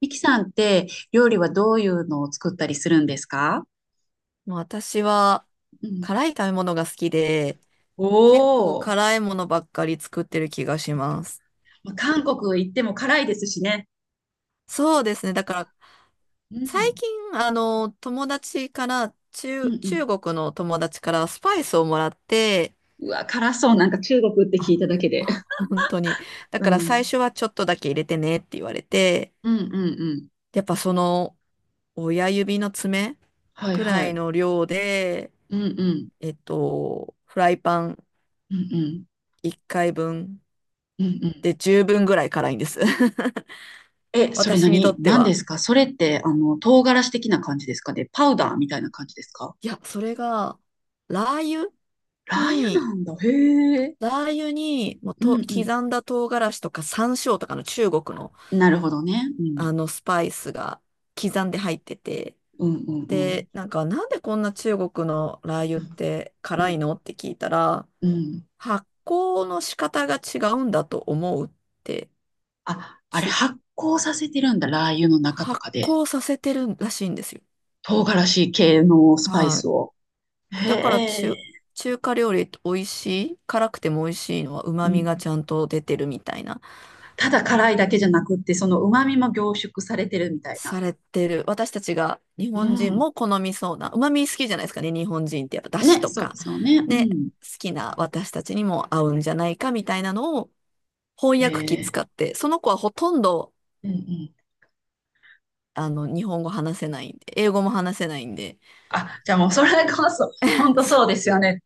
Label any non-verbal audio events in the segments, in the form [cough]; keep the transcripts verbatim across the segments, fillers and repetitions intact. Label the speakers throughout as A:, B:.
A: ミキさんって料理はどういうのを作ったりするんですか？
B: まあ私は
A: うん。
B: 辛い食べ物が好きで、
A: お
B: 結構
A: お、
B: 辛いものばっかり作ってる気がします。
A: まあ、韓国行っても辛いですしね。
B: そうですね。だから
A: う
B: 最
A: ん。
B: 近、あの、友達から、
A: うん
B: 中、
A: うん。
B: 中国の友達からスパイスをもらって、
A: うわ、辛そう。なんか中国って聞
B: あ、
A: いただ
B: ほ
A: けで。
B: [laughs] 本当に。
A: [laughs]
B: だ
A: う
B: から最
A: ん。
B: 初はちょっとだけ入れてねって言われて、
A: うんうんうん。
B: やっぱその親指の爪
A: はい
B: く
A: は
B: らい
A: い。
B: の量で、
A: うんうん
B: えっと、フライパン
A: うんうん
B: いっかいぶん
A: うんうん。
B: で十分ぐらい辛いんです。[laughs]
A: え、それ
B: 私にと
A: 何
B: って
A: 何で
B: は。
A: すか？それって、あの、唐辛子的な感じですかね？パウダーみたいな感じですか？
B: いや、それが、ラー油
A: ラー油
B: に、
A: なんだ。へえ。
B: ラー油に、もう
A: う
B: と、
A: んうん。
B: 刻んだ唐辛子とか山椒とかの中国の、
A: うん。なるほどね。うん。
B: あの、スパイスが刻んで入ってて、
A: うんうん
B: で、なんか、なんでこんな中国のラー油
A: う
B: っ
A: ん。
B: て
A: う
B: 辛い
A: ん。
B: のって聞いたら、
A: うん。
B: 発酵の仕方が違うんだと思うって、
A: あ、あれ
B: ちゅ、
A: 発酵させてるんだ。ラー油の中と
B: 発
A: かで。
B: 酵させてるらしいんですよ。
A: 唐辛子系のスパイ
B: は
A: ス
B: い。
A: を。へ
B: だから
A: え。
B: 中、中華料理って美味しい、辛くても美味しいのは
A: う
B: 旨味
A: ん。
B: がちゃんと出てるみたいな、
A: ただ辛いだけじゃなくって、その旨味も凝縮されてるみたいな。
B: されてる。私たちが日
A: う
B: 本人
A: ん。
B: も好みそうな、旨味好きじゃないですかね、日本人ってやっぱ出汁
A: ね、
B: と
A: そうで
B: か、
A: すよね。う
B: ね、
A: ん。
B: 好きな私たちにも合うんじゃないかみたいなのを翻訳
A: へ
B: 機
A: え。
B: 使って、その子はほとんど
A: うんうん。
B: あの日本語話せないんで、英語も話せないんで、
A: あ、じゃあもうそれこそ、本
B: [laughs]
A: 当そう
B: そ
A: ですよね。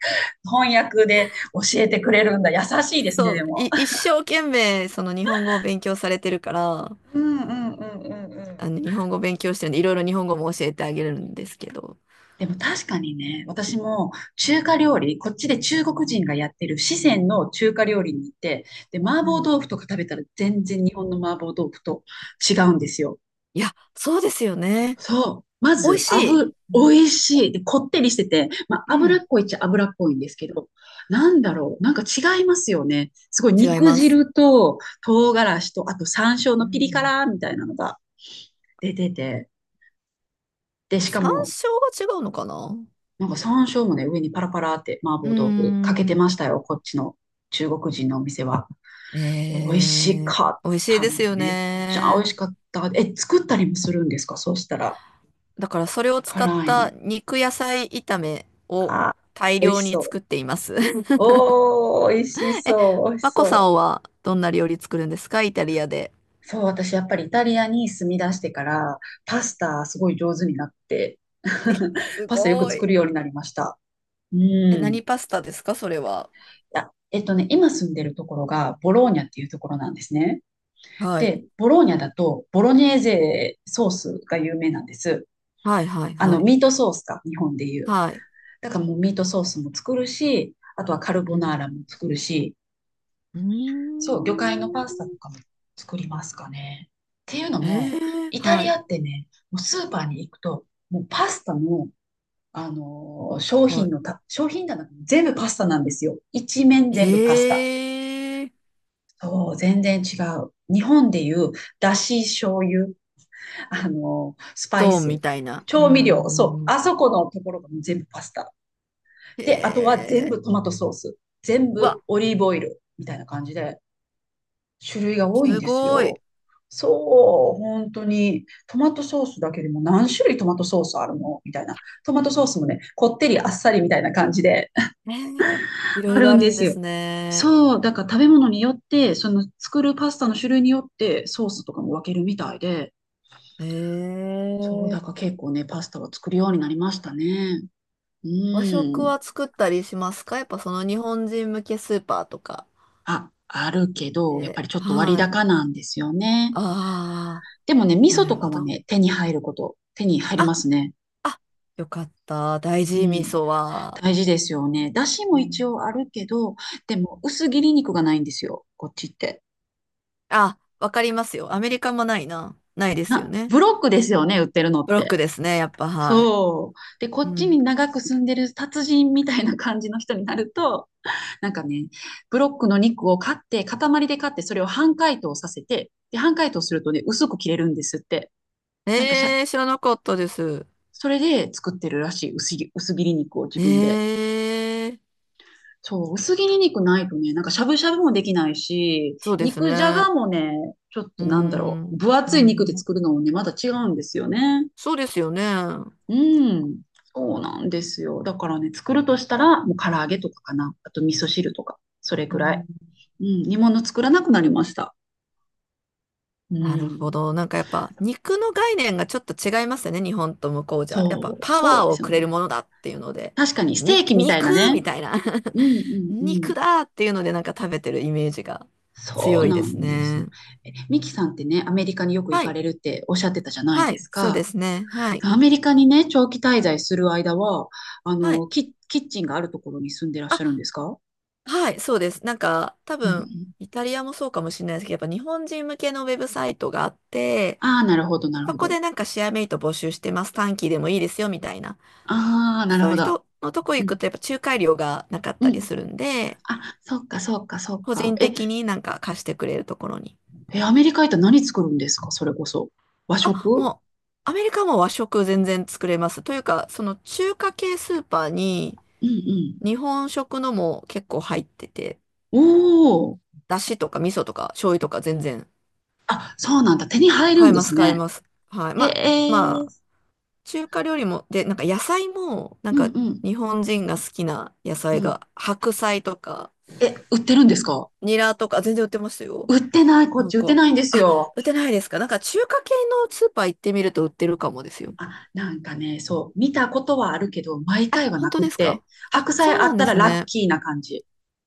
A: 翻訳で教えてくれるんだ。優しいですね、
B: そ
A: で
B: う、
A: も。
B: い、一生懸命その日本語を勉強されてるから、
A: うんうんうんうんうん。
B: あの、日本語勉強してるんで、いろいろ日本語も教えてあげるんですけど。
A: でも確かにね、私も中華料理、こっちで中国人がやってる四川の中華料理に行って、で、麻
B: う
A: 婆
B: ん。
A: 豆腐とか食べたら全然日本の麻婆豆腐と違うんですよ。
B: いや、そうですよね。
A: そう。ま
B: 美味
A: ず、
B: しい。
A: 油、
B: う
A: 美
B: ん
A: 味しい。で、こってりしてて、まあ、
B: う
A: 脂
B: ん。
A: っこいっちゃ脂っこいんですけど、なんだろう。なんか違いますよね。すごい
B: 違い
A: 肉
B: ます。
A: 汁と唐辛子と、あと山椒
B: う
A: のピリ
B: ん、
A: 辛みたいなのが出てて、で、しか
B: 山
A: も
B: 椒が違うのかな。
A: なんか山椒もね、上にパラパラって麻
B: うー
A: 婆豆腐かけてま
B: ん。
A: したよ、こっちの中国人のお店は。美味し
B: えー
A: かっ
B: 美味しい
A: た。
B: ですよ
A: めっちゃ美味
B: ね。
A: しかった。え、作ったりもするんですかそうしたら、
B: だからそれを使っ
A: 辛いの。
B: た肉野菜炒めを
A: あ
B: 大
A: ー、美味
B: 量
A: し
B: に
A: そう。
B: 作っています。[laughs]
A: おー、美味し
B: え、
A: そう、美味し
B: マコさ
A: そ
B: んはどんな料理作るんですかイタリアで？
A: う。そう、私やっぱりイタリアに住み出してから、パスタすごい上手になって、
B: え、
A: [laughs]
B: す
A: パスタよく
B: ご
A: 作
B: い。
A: るようになりました。うん。
B: え、
A: い
B: 何パスタですかそれは？
A: や、えっとね、今住んでるところがボローニャっていうところなんですね。
B: はい。
A: で、ボローニャだと、ボロネーゼソースが有名なんです。
B: はいはい
A: あ
B: は
A: の、
B: い。
A: ミートソースか、日本でいう。
B: はい。
A: だからもうミートソースも作るし、あとはカルボ
B: う
A: ナー
B: ん。
A: ラも作るし、
B: うー
A: そう、魚介の
B: ん。
A: パスタとかも作りますかね。っていうの
B: え
A: も、
B: え、
A: イタ
B: は
A: リ
B: い。
A: アってね、もうスーパーに行くと、もうパスタの、あのー商
B: は
A: 品のた、商品棚、全部パスタなんですよ。一面全部パスタ。
B: い。ええ、
A: そう、全然違う。日本でいう、だし醤油、あの、スパイ
B: そう
A: ス、
B: みたいな。う
A: 調味
B: んう
A: 料、そう、
B: んうん。
A: あそこのところが全部パスタ。で、あとは全
B: ええ、
A: 部トマトソース、全
B: うわ、
A: 部オリーブオイルみたいな感じで、種類が多いん
B: す
A: です
B: ごい。
A: よ。そう、本当に、トマトソースだけでも何種類トマトソースあるのみたいな。トマトソースもね、こってりあっさりみたいな感じで [laughs]
B: ええ、い
A: あ
B: ろいろ
A: る
B: あ
A: ん
B: る
A: で
B: ん
A: す
B: で
A: よ。
B: すね。
A: そう、だから食べ物によって、その作るパスタの種類によってソースとかも分けるみたいで、そう、だ
B: え
A: から
B: え、
A: 結構ね、パスタは作るようになりましたね。う
B: 和食
A: ん。
B: は作ったりしますかやっぱその日本人向けスーパーとか
A: あ、あるけど、やっぱ
B: で？
A: りちょっと割
B: はい。
A: 高なんですよね。
B: あ
A: でもね、味
B: あ、な
A: 噌
B: る
A: とか
B: ほ
A: は
B: ど。
A: ね、手に入ること、手に入り
B: あ、
A: ますね。
B: あ、よかった。大
A: う
B: 事味
A: ん。
B: 噌は。
A: 大事ですよね。だし
B: う
A: も一
B: ん、
A: 応あるけど、でも薄切り肉がないんですよ、こっちって。
B: あ、わかりますよ。アメリカもないな。ないですよ
A: な、
B: ね。
A: ブロックですよね、売ってるのっ
B: ブロッ
A: て。
B: クですね、やっぱ、はい。
A: そう。で、こ
B: う
A: っち
B: ん。
A: に長く住んでる達人みたいな感じの人になると、なんかね、ブロックの肉を買って、塊で買って、それを半解凍させて、で、半解凍するとね、薄く切れるんですって。なんかしゃ、
B: えー、知らなかったです。
A: それで作ってるらしい、薄切薄切り肉を自分で。
B: えー、
A: そう、薄切り肉ないとね、なんかしゃぶしゃぶもできないし、
B: そうです
A: 肉じゃ
B: ね。
A: がもね、ちょっ
B: う
A: となんだろう、
B: ん、
A: 分
B: う
A: 厚い肉で
B: ん。
A: 作るのもね、また違うんですよね。
B: そうですよね。
A: うん、そうなんですよ。だからね、作るとしたら、もう唐揚げとかかな。あと味噌汁とか、それ
B: う
A: くらい。
B: ん。
A: うん、煮物作らなくなりました。う
B: なるほ
A: ん。
B: ど。なんかやっぱ、肉の概念がちょっと違いますよね、日本と向こうじゃ。やっぱ、
A: そう、
B: パ
A: そう
B: ワー
A: で
B: を
A: すよ
B: くれる
A: ね。
B: ものだっていうので、
A: 確かに、ステーキ
B: 肉、
A: みたいな
B: 肉
A: ね。
B: みたいな
A: うん
B: [laughs]
A: うんうん。
B: 肉だっていうので、なんか食べてるイメージが
A: そ
B: 強
A: う
B: いで
A: な
B: す
A: んですよ。
B: ね。
A: え、ミキさんってね、アメリカによく行
B: は
A: か
B: い。
A: れるっておっしゃってたじゃない
B: は
A: で
B: い、
A: す
B: そう
A: か。
B: ですね。はい。
A: アメリカにね、長期滞在する間は、あ
B: はい。
A: の、キ、キッチンがあるところに住んでらっしゃるん
B: あ、
A: ですか？
B: はい、そうです。なんか、多
A: うんう
B: 分、
A: ん。
B: イタリアもそうかもしれないですけど、やっぱ日本人向けのウェブサイトがあって、
A: ああ、なるほど、なる
B: そ
A: ほ
B: こ
A: ど。
B: でなんかシェアメイト募集してます。短期でもいいですよ、みたいな。
A: ああ、なる
B: そういう
A: ほど。
B: 人のとこ
A: う
B: 行
A: ん、
B: くと、やっぱ仲介料がなかっ
A: う
B: たり
A: ん。
B: するんで、
A: あ、そっか、そっか、そっ
B: 個
A: か。
B: 人
A: え、
B: 的になんか貸してくれるところに。
A: え、アメリカ行ったら何作るんですかそれこそ。和
B: あ、
A: 食。
B: もう、アメリカも和食全然作れます。というか、その中華系スーパーに
A: うんうん。
B: 日本食のも結構入ってて、
A: お。
B: だしとか味噌とか醤油とか全然
A: あ、そうなんだ。手に入る
B: 買
A: ん
B: え
A: で
B: ま
A: す
B: す、買え
A: ね。
B: ます。はい。
A: へ
B: まあ、ま
A: え。
B: あ、中華料理も、で、なんか野菜も、なん
A: うん
B: か
A: うん
B: 日本人が好きな野
A: う
B: 菜
A: ん。
B: が、白菜とか、
A: え、売ってるんですか？
B: ニラとか、全然売ってますよ。
A: 売ってない、こっ
B: 向
A: ち売って
B: こう。
A: ないんです
B: あ、
A: よ。
B: 売ってないですかなんか中華系のスーパー行ってみると売ってるかもですよ。
A: あ、なんかね、そう、見たことはあるけど、毎
B: あ、
A: 回は
B: 本
A: な
B: 当
A: くっ
B: です
A: て、
B: か？あ、
A: 白菜
B: そう
A: あ
B: な
A: っ
B: ん
A: た
B: で
A: ら
B: す
A: ラッ
B: ね。
A: キーな感じ。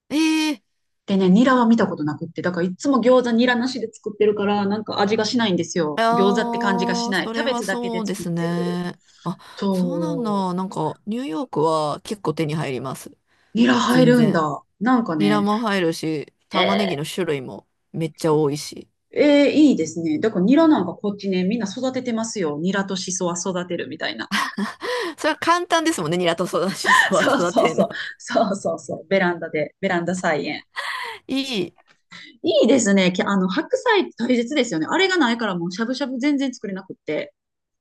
B: ええ、
A: でね、ニラは見たことなくって、だからいつも餃子ニラなしで作ってるから、なんか味がしないんですよ。餃子って感じが
B: あ
A: し
B: あ、
A: ない。
B: そ
A: キャ
B: れ
A: ベ
B: は
A: ツだけ
B: そ
A: で
B: うで
A: 作っ
B: す
A: てる。
B: ね。あ、そうなん
A: そう、
B: だ。なんか、ニューヨークは結構手に入ります。
A: ニラ入
B: 全
A: るん
B: 然。
A: だ。なんか
B: ニラ
A: ね、
B: も入るし、
A: へ
B: 玉ねぎ
A: え。
B: の種類もめっちゃ多いし。
A: ええ、いいですね。だからニラなんかこっちね、みんな育ててますよ。ニラとシソは育てるみたいな。
B: [laughs] それは簡単ですもんね、ニラと育し
A: [laughs]
B: そは
A: そう
B: 育
A: そう
B: てる
A: そ
B: の。
A: う。そうそうそう。ベランダで、ベランダ菜園。
B: [laughs] いい。
A: いいですね。き、あの、白菜って大切ですよね。あれがないからもうしゃぶしゃぶ全然作れなくって。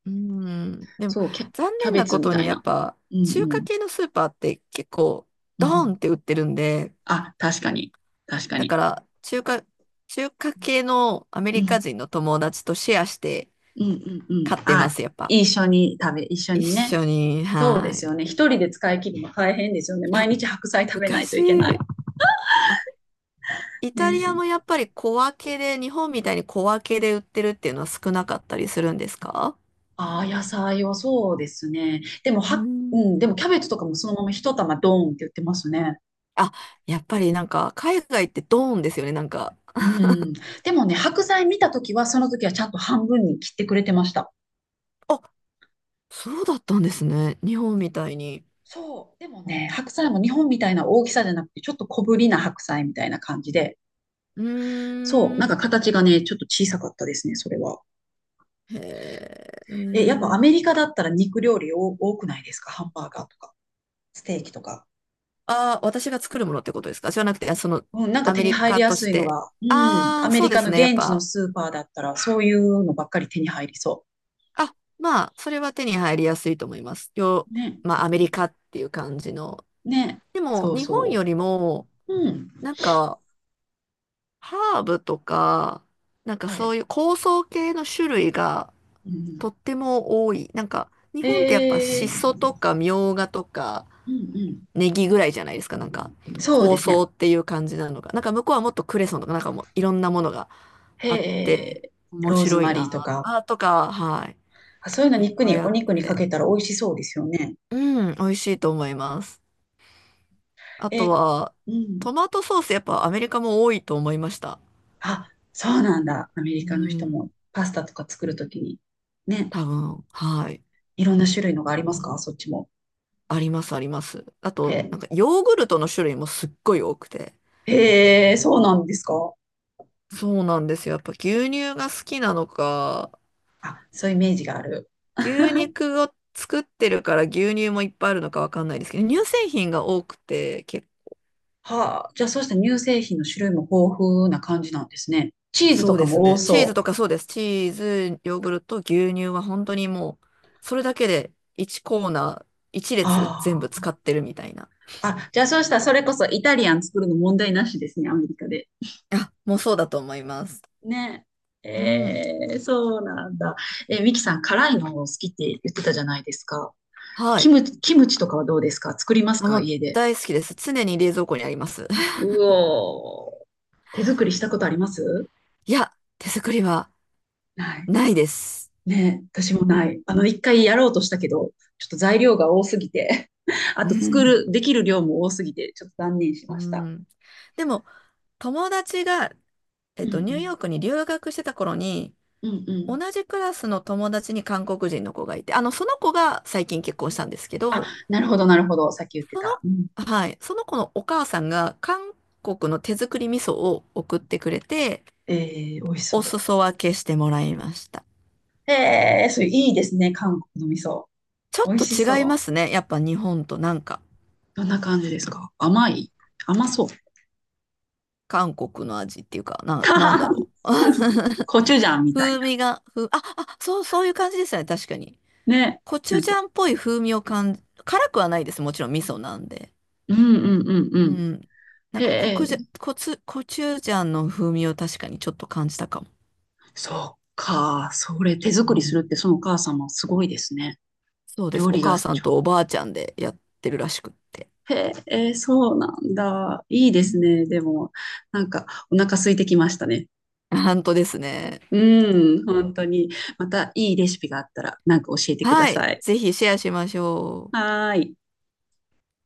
B: うん。でも、
A: そう、キャ、
B: 残
A: キャ
B: 念
A: ベ
B: な
A: ツ
B: こ
A: み
B: と
A: た
B: に
A: い
B: やっ
A: な。
B: ぱ、
A: う
B: 中華
A: ん
B: 系のスーパーって結構、
A: うん。
B: ド
A: う
B: ー
A: ん。
B: ンって売ってるんで、
A: あ、確かに。確か
B: だ
A: に。
B: から、中華、中華系のアメ
A: う
B: リカ
A: ん。
B: 人の友達とシェアして
A: うんうんうん。
B: 買ってま
A: あ、
B: す、やっぱ。
A: 一緒に食べ、一緒
B: 一
A: にね。
B: 緒に、
A: そう
B: は
A: で
B: い。い
A: すよね。一人で使い切るの大変ですよね。毎
B: や、
A: 日白菜食べな
B: 難
A: いと
B: し
A: いけない。
B: い。あ、イタリアも
A: ね。
B: やっぱり小分けで、日本みたいに小分けで売ってるっていうのは少なかったりするんですか？
A: ああ、野菜はそうですね。でも、
B: う
A: は、う
B: ん。
A: ん、でもキャベツとかもそのまま一玉ドーンって売ってますね。
B: あ、やっぱりなんか海外ってドーンですよね、なんか。
A: うん。でもね、白菜見たときは、その時はちゃんと半分に切ってくれてました。
B: あ、そうだったんですね。日本みたいに。
A: そう。でもね、白菜も日本みたいな大きさじゃなくて、ちょっと小ぶりな白菜みたいな感じで、
B: う
A: そう、なん
B: ー
A: か
B: ん。
A: 形がね、ちょっと小さかったですね、それは。
B: へえ。へ
A: え、やっぱアメ
B: ー、
A: リカだったら肉料理多多くないですか？ハンバーガーとか、ステーキとか。
B: あ、私が作るものってことですか？じゃなくて、あその、
A: うん、なんか
B: ア
A: 手
B: メ
A: に
B: リ
A: 入り
B: カ
A: や
B: と
A: す
B: し
A: いの
B: て。
A: が、うん、
B: あ
A: ア
B: あ、
A: メ
B: そう
A: リ
B: で
A: カの
B: すね。やっ
A: 現地の
B: ぱ。
A: スーパーだったら、そういうのばっかり手に入りそ
B: あ、まあ、それは手に入りやすいと思います。よ、
A: う。ね。
B: ま
A: う
B: あ、アメリ
A: ん。
B: カっていう感じの、
A: ね。
B: でも、
A: そう
B: 日本
A: そ
B: よりも、
A: う。うん。
B: なんか、ハーブとか、なんか
A: は
B: そ
A: い。
B: ういう香草系の種類が
A: う
B: と
A: ん、
B: っても多い。なんか、日
A: へ
B: 本ってやっぱシ
A: え。
B: ソとかミョウガとか
A: うん
B: ネギぐらいじゃないですか。なんか、
A: うん。そう
B: 香
A: ですね。
B: 草っていう感じなのが。なんか向こうはもっとクレソンとか、なんかもういろんなものが
A: へ
B: あって、
A: え。
B: 面
A: ローズ
B: 白い
A: マリーと
B: な。
A: か、
B: あ、とか、はい。
A: あ、そういうの
B: いっ
A: 肉
B: ぱ
A: に、
B: いあ
A: お
B: って。
A: 肉にかけたら美味しそうですよね。
B: うん、美味しいと思います。あ
A: え
B: と
A: ー、
B: は、
A: うん。
B: トマトソースやっぱアメリカも多いと思いました。
A: あ、そうなんだ。アメリ
B: う
A: カの人
B: ん。
A: もパスタとか作るときに。ね。
B: 多分、はい。
A: いろんな種類のがありますかそっちも。
B: あります、あります。あと、
A: え。
B: なんか、ヨーグルトの種類もすっごい多くて。
A: へえ、そうなんですか。
B: そうなんですよ。やっぱ牛乳が好きなのか、
A: あ、そういうイメージがある。
B: 牛肉を作ってるから牛乳もいっぱいあるのかわかんないですけど、乳製品が多くて、け、
A: はあ、じゃあそうした乳製品の種類も豊富な感じなんですね。チーズ
B: そ
A: と
B: う
A: か
B: です
A: も多
B: ね。チーズ
A: そう。
B: とかそうです。チーズ、ヨーグルト、牛乳は本当にもう、それだけでいちコーナー、いち列全部
A: あ
B: 使ってるみたいな。
A: あ。あ、じゃあそうしたらそれこそイタリアン作るの問題なしですね、アメリカで。
B: あ、もうそうだと思います。
A: ね。
B: う
A: え
B: ん。
A: ー、そうなんだ。え、ミキさん、辛いの好きって言ってたじゃないですか。
B: は
A: キ
B: い。
A: ム、キムチとかはどうですか？作ります
B: あ、
A: か
B: もう
A: 家で。
B: 大好きです。常に冷蔵庫にあります。[laughs]
A: うおー。手作りしたことあります？
B: いや、手作りは
A: ない。
B: ないです。
A: ね、私もない。あの、一回やろうとしたけど、ちょっと材料が多すぎて [laughs] あ
B: う
A: と作
B: ん。
A: る、できる量も多すぎて、ちょっと断念し
B: う
A: ました。
B: ん。でも、友達が、え
A: う
B: っと、ニューヨ
A: ん
B: ークに留学してた頃に、
A: うん。うんう
B: 同
A: ん。
B: じクラスの友達に韓国人の子がいて、あの、その子が最近結婚したんですけ
A: あ、
B: ど、
A: なるほど、なるほど。さっき言って
B: そ
A: た。うん。
B: の、はい、その子のお母さんが韓国の手作り味噌を送ってくれて、
A: えー、美味し
B: お
A: そ
B: 裾分けしてもらいました。
A: う。えー、それいいですね。韓国の味噌。
B: ちょっ
A: 美味
B: と
A: し
B: 違いま
A: そう。
B: すね。やっぱ日本となんか。
A: どんな感じですか？甘い？甘そう。
B: 韓国の味っていうか、
A: [laughs]
B: なん、なん
A: 韓
B: だ
A: 国
B: ろう。[laughs]
A: コチュジャンみたい
B: 風
A: な。
B: 味が、ふ、あ、あ、そう、そういう感じですよね、確かに。
A: ね。
B: コチ
A: な
B: ュ
A: ん
B: ジ
A: か、
B: ャンっぽい風味を感じ、辛くはないです。もちろん味噌なんで。
A: うんうんうんう
B: う
A: ん。
B: ん。なんかコ
A: へ。
B: クジャ、コツ、コチュジャンの風味を確かにちょっと感じたかも。
A: そっか。それ手
B: う
A: 作りす
B: ん、
A: るってそのお母様すごいですね。
B: そうです。
A: 料
B: お
A: 理が
B: 母さん
A: ちょ
B: とおばあちゃんでやってるらしくって。
A: へえ、そうなんだ。いいで
B: う
A: す
B: ん、
A: ね。でも、なんかお腹空いてきましたね。
B: 本当ですね。
A: うん、本当に。またいいレシピがあったらなんか教えてくだ
B: はい。
A: さい。
B: ぜひシェアしましょう。
A: はーい。